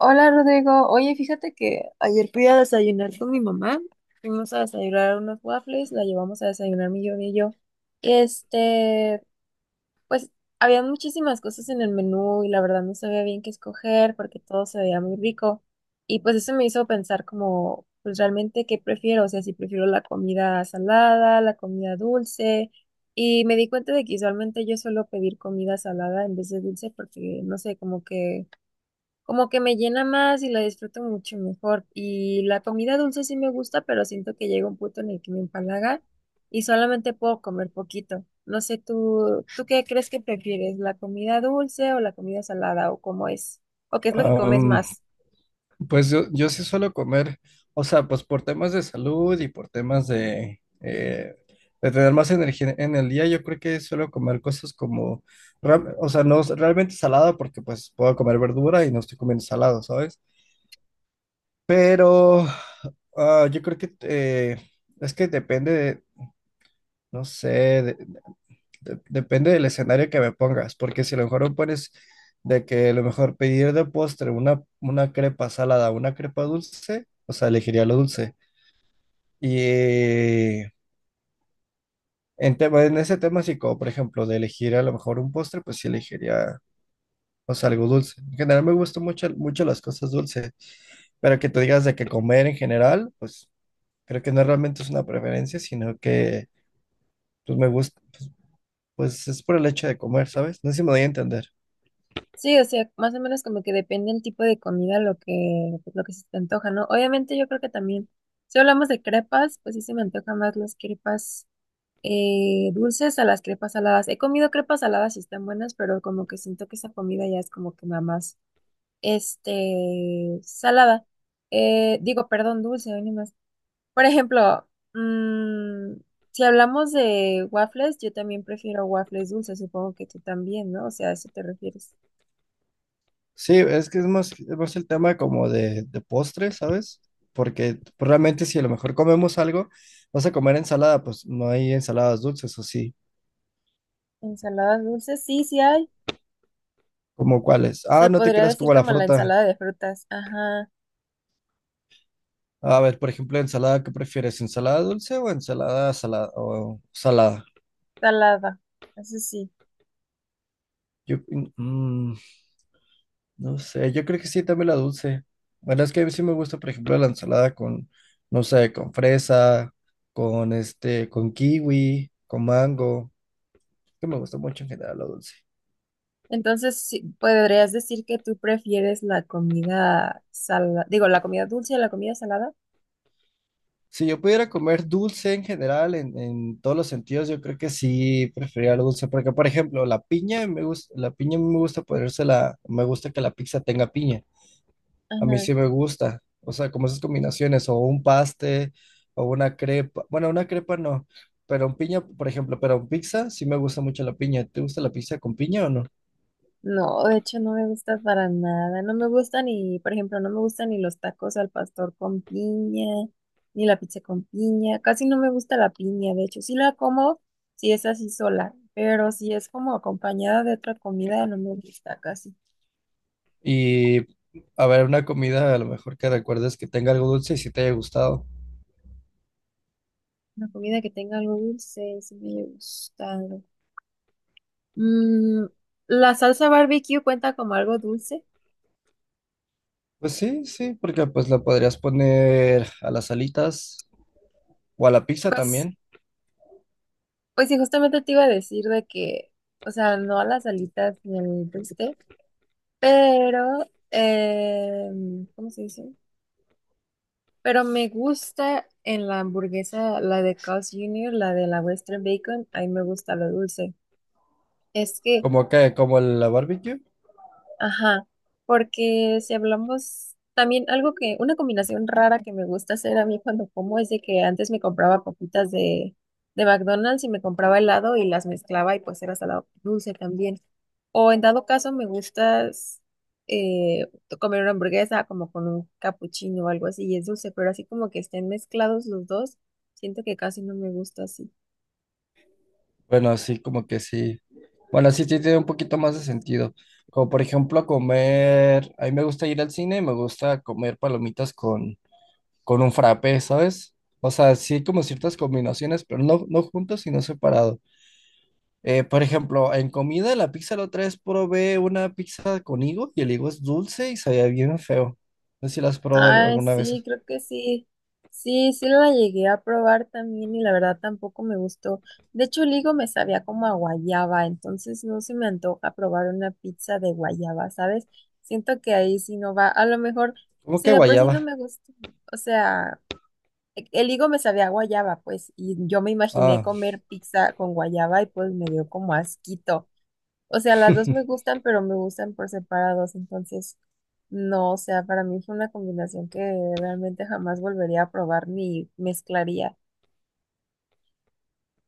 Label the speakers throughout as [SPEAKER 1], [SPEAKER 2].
[SPEAKER 1] Hola Rodrigo, oye, fíjate que ayer fui a desayunar con mi mamá, fuimos a desayunar unos waffles, la llevamos a desayunar mi yo. Y pues había muchísimas cosas en el menú y la verdad no sabía bien qué escoger porque todo se veía muy rico. Y pues eso me hizo pensar como, pues realmente qué prefiero, o sea, si prefiero la comida salada, la comida dulce. Y me di cuenta de que usualmente yo suelo pedir comida salada en vez de dulce porque, no sé, como que me llena más y la disfruto mucho mejor. Y la comida dulce sí me gusta, pero siento que llega un punto en el que me empalaga y solamente puedo comer poquito. No sé, ¿Tú qué crees que prefieres? ¿La comida dulce o la comida salada? ¿O cómo es? ¿O qué es lo que comes
[SPEAKER 2] Am,
[SPEAKER 1] más?
[SPEAKER 2] pues yo sí suelo comer, o sea, pues por temas de salud y por temas de tener más energía en el día, yo creo que suelo comer cosas como, o sea, no es realmente salada porque pues puedo comer verdura y no estoy comiendo salado, ¿sabes? Pero yo creo que es que depende de, no sé, depende del escenario que me pongas, porque si a lo mejor me pones de que a lo mejor pedir de postre una crepa salada, una crepa dulce, o sea, elegiría lo dulce. Y en ese tema, sí, como por ejemplo, de elegir a lo mejor un postre, pues sí elegiría, o sea, algo dulce. En general me gustan mucho, mucho las cosas dulces, pero que tú digas de que comer en general, pues creo que no realmente es una preferencia, sino que pues me gusta, pues es por el hecho de comer, ¿sabes? No sé si me doy a entender.
[SPEAKER 1] Sí, o sea, más o menos como que depende el tipo de comida lo que, pues, lo que se te antoja, ¿no? Obviamente yo creo que también, si hablamos de crepas, pues sí se me antojan más las crepas, eh, dulces a las crepas saladas. He comido crepas saladas y están buenas, pero como que siento que esa comida ya es como que nada más, este, salada. Digo, perdón, dulce, hoy ni más. Por ejemplo, mm, si hablamos de waffles, yo también prefiero waffles dulces, supongo que tú también, ¿no? O sea, a eso te refieres.
[SPEAKER 2] Sí, es que es más el tema como de postre, ¿sabes? Porque pues, realmente si a lo mejor comemos algo, vas a comer ensalada, pues no hay ensaladas dulces o sí.
[SPEAKER 1] Ensaladas dulces, sí, sí hay.
[SPEAKER 2] ¿Cómo cuáles?
[SPEAKER 1] Se
[SPEAKER 2] Ah, no te
[SPEAKER 1] podría
[SPEAKER 2] creas
[SPEAKER 1] decir
[SPEAKER 2] como la
[SPEAKER 1] como la
[SPEAKER 2] fruta.
[SPEAKER 1] ensalada de frutas. Ajá,
[SPEAKER 2] A ver, por ejemplo, ensalada, ¿qué prefieres? ¿Ensalada dulce o ensalada salada o salada?
[SPEAKER 1] salada. Eso sí.
[SPEAKER 2] Yo, mm, no sé, yo creo que sí, también la dulce. Bueno, es que a mí sí me gusta, por ejemplo, la ensalada con, no sé, con fresa, con este, con kiwi, con mango. Que me gusta mucho en general lo dulce.
[SPEAKER 1] Entonces, sí, ¿podrías decir que tú prefieres la comida salada, digo, la comida dulce a la comida salada?
[SPEAKER 2] Si yo pudiera comer dulce en general, en todos los sentidos, yo creo que sí preferiría lo dulce, porque por ejemplo, la piña me gusta, la piña me gusta ponérsela, me gusta que la pizza tenga piña, a mí
[SPEAKER 1] Ajá.
[SPEAKER 2] sí me gusta, o sea, como esas combinaciones, o un paste, o una crepa, bueno, una crepa no, pero un piña, por ejemplo, pero un pizza sí me gusta mucho la piña. ¿Te gusta la pizza con piña o no?
[SPEAKER 1] No, de hecho no me gusta para nada. No me gusta ni, por ejemplo, no me gustan ni los tacos al pastor con piña, ni la pizza con piña. Casi no me gusta la piña, de hecho. Sí la como si es así sola, pero si es como acompañada de otra comida, no me gusta casi.
[SPEAKER 2] Y a ver, una comida a lo mejor que recuerdes que tenga algo dulce y si te haya gustado.
[SPEAKER 1] Una comida que tenga algo dulce, sí me gusta. Mm, ¿La salsa barbecue cuenta como algo dulce?
[SPEAKER 2] Pues sí, sí, porque pues la podrías poner a las alitas o a la pizza
[SPEAKER 1] Pues,
[SPEAKER 2] también,
[SPEAKER 1] pues sí, justamente te iba a decir de que, o sea, no a las alitas ni al brisket, pero, ¿cómo se dice? Pero me gusta en la hamburguesa, la de Carl's Junior, la de la Western Bacon, ahí me gusta lo dulce. Es que.
[SPEAKER 2] como que, como la barbecue.
[SPEAKER 1] Ajá, porque si hablamos también algo que, una combinación rara que me gusta hacer a mí cuando como es de que antes me compraba papitas de McDonald's y me compraba helado y las mezclaba y pues era salado dulce también. O en dado caso me gusta, eh, comer una hamburguesa como con un cappuccino o algo así y es dulce, pero así como que estén mezclados los dos, siento que casi no me gusta así.
[SPEAKER 2] Bueno, así como que sí. Bueno, así sí tiene un poquito más de sentido. Como por ejemplo comer, a mí me gusta ir al cine y me gusta comer palomitas con un frappé, ¿sabes? O sea, sí como ciertas combinaciones, pero no, no juntos, sino separado. Por ejemplo, en comida, la pizza la otra vez probé una pizza con higo y el higo es dulce y sabía bien feo. No sé si la has probado
[SPEAKER 1] Ay,
[SPEAKER 2] alguna
[SPEAKER 1] sí,
[SPEAKER 2] vez.
[SPEAKER 1] creo que sí. Sí, sí la llegué a probar también y la verdad tampoco me gustó. De hecho, el higo me sabía como a guayaba, entonces no se me antoja probar una pizza de guayaba, ¿sabes? Siento que ahí sí no va. A lo mejor,
[SPEAKER 2] ¿Cómo
[SPEAKER 1] si
[SPEAKER 2] que
[SPEAKER 1] de por sí no
[SPEAKER 2] guayaba?
[SPEAKER 1] me gusta, o sea, el higo me sabía a guayaba, pues, y yo me imaginé
[SPEAKER 2] Ah,
[SPEAKER 1] comer pizza con guayaba y pues me dio como asquito. O sea, las dos me gustan, pero me gustan por separados, entonces no, o sea, para mí fue una combinación que realmente jamás volvería a probar ni mezclaría.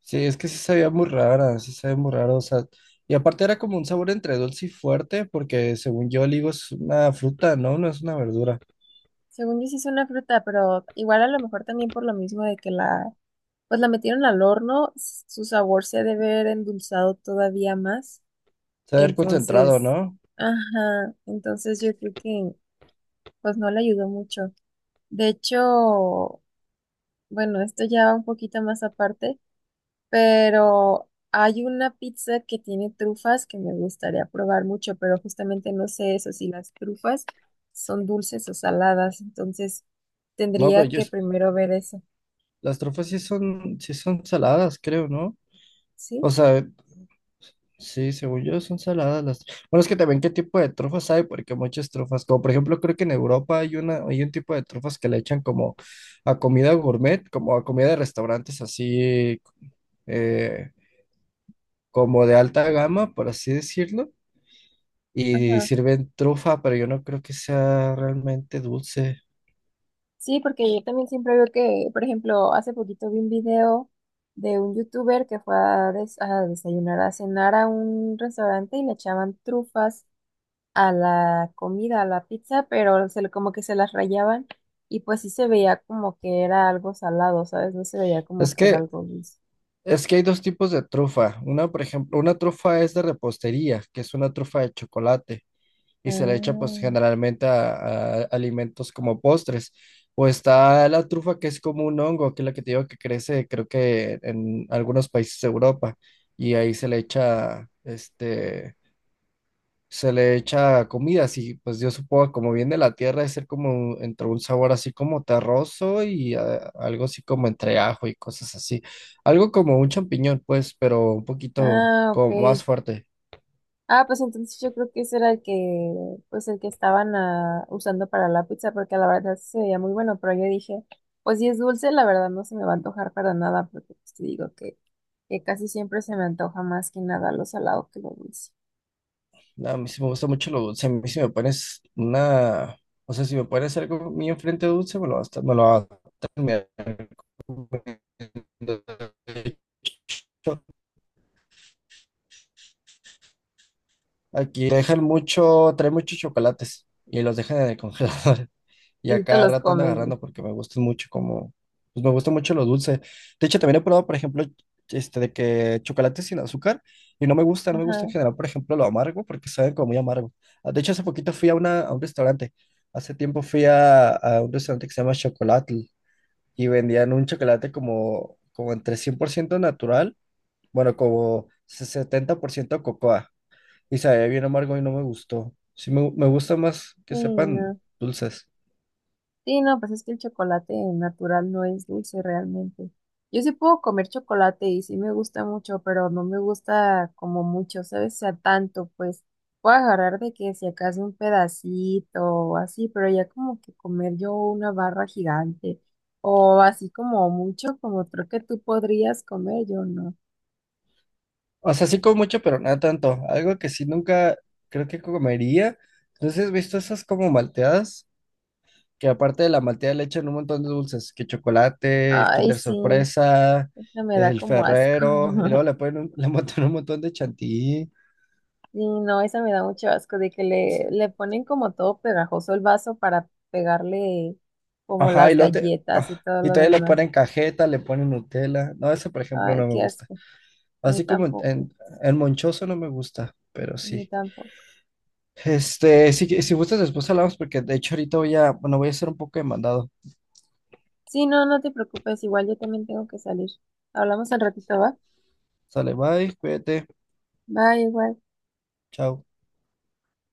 [SPEAKER 2] sí, es que sí sabía muy rara, sí sabía muy raro. O sea, y aparte era como un sabor entre dulce y fuerte, porque según yo el higo es una fruta, ¿no? No es una verdura.
[SPEAKER 1] Según yo sí es una fruta, pero igual a lo mejor también por lo mismo de que la, pues la metieron al horno, su sabor se ha de ver endulzado todavía más.
[SPEAKER 2] Saber concentrado,
[SPEAKER 1] Entonces,
[SPEAKER 2] ¿no?
[SPEAKER 1] ajá, entonces yo creo que pues no le ayudó mucho. De hecho, bueno, esto ya va un poquito más aparte. Pero hay una pizza que tiene trufas que me gustaría probar mucho, pero justamente no sé eso, si las trufas son dulces o saladas, entonces
[SPEAKER 2] No, pero
[SPEAKER 1] tendría
[SPEAKER 2] yo,
[SPEAKER 1] que primero ver eso,
[SPEAKER 2] las trufas sí son saladas, creo, ¿no? O
[SPEAKER 1] ¿sí?
[SPEAKER 2] sea, sí, según yo son saladas las... Bueno, es que también qué tipo de trufas hay, porque muchas trufas, como por ejemplo creo que en Europa hay una, hay un tipo de trufas que le echan como a comida gourmet, como a comida de restaurantes así, eh, como de alta gama, por así decirlo, y
[SPEAKER 1] Ajá.
[SPEAKER 2] sirven trufa, pero yo no creo que sea realmente dulce.
[SPEAKER 1] Sí, porque yo también siempre veo que, por ejemplo, hace poquito vi un video de un youtuber que fue a desayunar, a cenar a un restaurante y le echaban trufas a la comida, a la pizza, pero como que se las rayaban y pues sí se veía como que era algo salado, ¿sabes? No se veía como
[SPEAKER 2] Es
[SPEAKER 1] que era
[SPEAKER 2] que,
[SPEAKER 1] algo dulce.
[SPEAKER 2] es que hay dos tipos de trufa. Una, por ejemplo, una trufa es de repostería, que es una trufa de chocolate. Y se le echa pues generalmente a alimentos como postres. O está la trufa que es como un hongo, que es la que te digo que crece creo que en algunos países de Europa y ahí se le echa este se le echa comida, así pues yo supongo como viene de la tierra, es ser como entre un sabor así como terroso y algo así como entre ajo y cosas así. Algo como un champiñón, pues, pero un
[SPEAKER 1] Ah,
[SPEAKER 2] poquito
[SPEAKER 1] ah, ok.
[SPEAKER 2] como más fuerte.
[SPEAKER 1] Ah, pues entonces yo creo que ese era el que, pues el que estaban, usando para la pizza, porque la verdad sí se veía muy bueno, pero yo dije, pues si es dulce, la verdad no se me va a antojar para nada, porque pues te digo que casi siempre se me antoja más que nada lo salado que lo dulce.
[SPEAKER 2] No, a mí sí me gusta mucho lo dulce. A mí si me pones una, o sea, si me pones algo mío enfrente dulce, me lo vas a, me lo vas a terminar comiendo. Aquí dejan mucho, trae muchos chocolates y los dejan en el congelador. Y
[SPEAKER 1] Y tú
[SPEAKER 2] a
[SPEAKER 1] te
[SPEAKER 2] cada
[SPEAKER 1] los
[SPEAKER 2] rato ando
[SPEAKER 1] comes, ¿sí?
[SPEAKER 2] agarrando porque me gustan mucho como, pues me gusta mucho lo dulce. De hecho, también he probado, por ejemplo, este de que chocolate sin azúcar y no me gusta, no me gusta en
[SPEAKER 1] Ajá,
[SPEAKER 2] general, por ejemplo, lo amargo porque saben como muy amargo. Ah, de hecho, hace poquito fui a una, a un restaurante. Hace tiempo fui a un restaurante que se llama Chocolatl y vendían un chocolate como, como entre 100% natural, bueno, como 70% cocoa y sabía bien amargo y no me gustó. Sí, me gusta más
[SPEAKER 1] sí,
[SPEAKER 2] que sepan
[SPEAKER 1] no.
[SPEAKER 2] dulces.
[SPEAKER 1] Sí, no, pues es que el chocolate natural no es dulce realmente. Yo sí puedo comer chocolate y sí me gusta mucho, pero no me gusta como mucho, ¿sabes? O sea, tanto, pues puedo agarrar de que si acaso un pedacito o así, pero ya como que comer yo una barra gigante o así como mucho, como creo que tú podrías comer, yo no.
[SPEAKER 2] O sea, sí como mucho, pero nada tanto. Algo que sí nunca creo que comería. Entonces, ¿has visto esas como malteadas? Que aparte de la malteada le echan un montón de dulces, que chocolate, el
[SPEAKER 1] Ay,
[SPEAKER 2] Kinder
[SPEAKER 1] sí,
[SPEAKER 2] Sorpresa,
[SPEAKER 1] eso me da
[SPEAKER 2] el
[SPEAKER 1] como asco.
[SPEAKER 2] Ferrero, y luego le ponen un, le botan un montón de chantilly.
[SPEAKER 1] Sí, no, esa me da mucho asco de que le ponen como todo pegajoso el vaso para pegarle como
[SPEAKER 2] Ajá,
[SPEAKER 1] las
[SPEAKER 2] y luego
[SPEAKER 1] galletas y
[SPEAKER 2] ah,
[SPEAKER 1] todo
[SPEAKER 2] y
[SPEAKER 1] lo
[SPEAKER 2] todavía le
[SPEAKER 1] demás.
[SPEAKER 2] ponen cajeta, le ponen Nutella. No, ese por ejemplo
[SPEAKER 1] Ay,
[SPEAKER 2] no me
[SPEAKER 1] qué
[SPEAKER 2] gusta.
[SPEAKER 1] asco. A mí
[SPEAKER 2] Así como
[SPEAKER 1] tampoco,
[SPEAKER 2] en Monchoso no me gusta, pero
[SPEAKER 1] a mí
[SPEAKER 2] sí.
[SPEAKER 1] tampoco.
[SPEAKER 2] Este, si gustas, después hablamos porque de hecho ahorita voy a, bueno, voy a hacer un poco de mandado.
[SPEAKER 1] Sí, no, no te preocupes, igual yo también tengo que salir. Hablamos al ratito, ¿va?
[SPEAKER 2] Sale, bye, cuídate,
[SPEAKER 1] Va igual.
[SPEAKER 2] chao.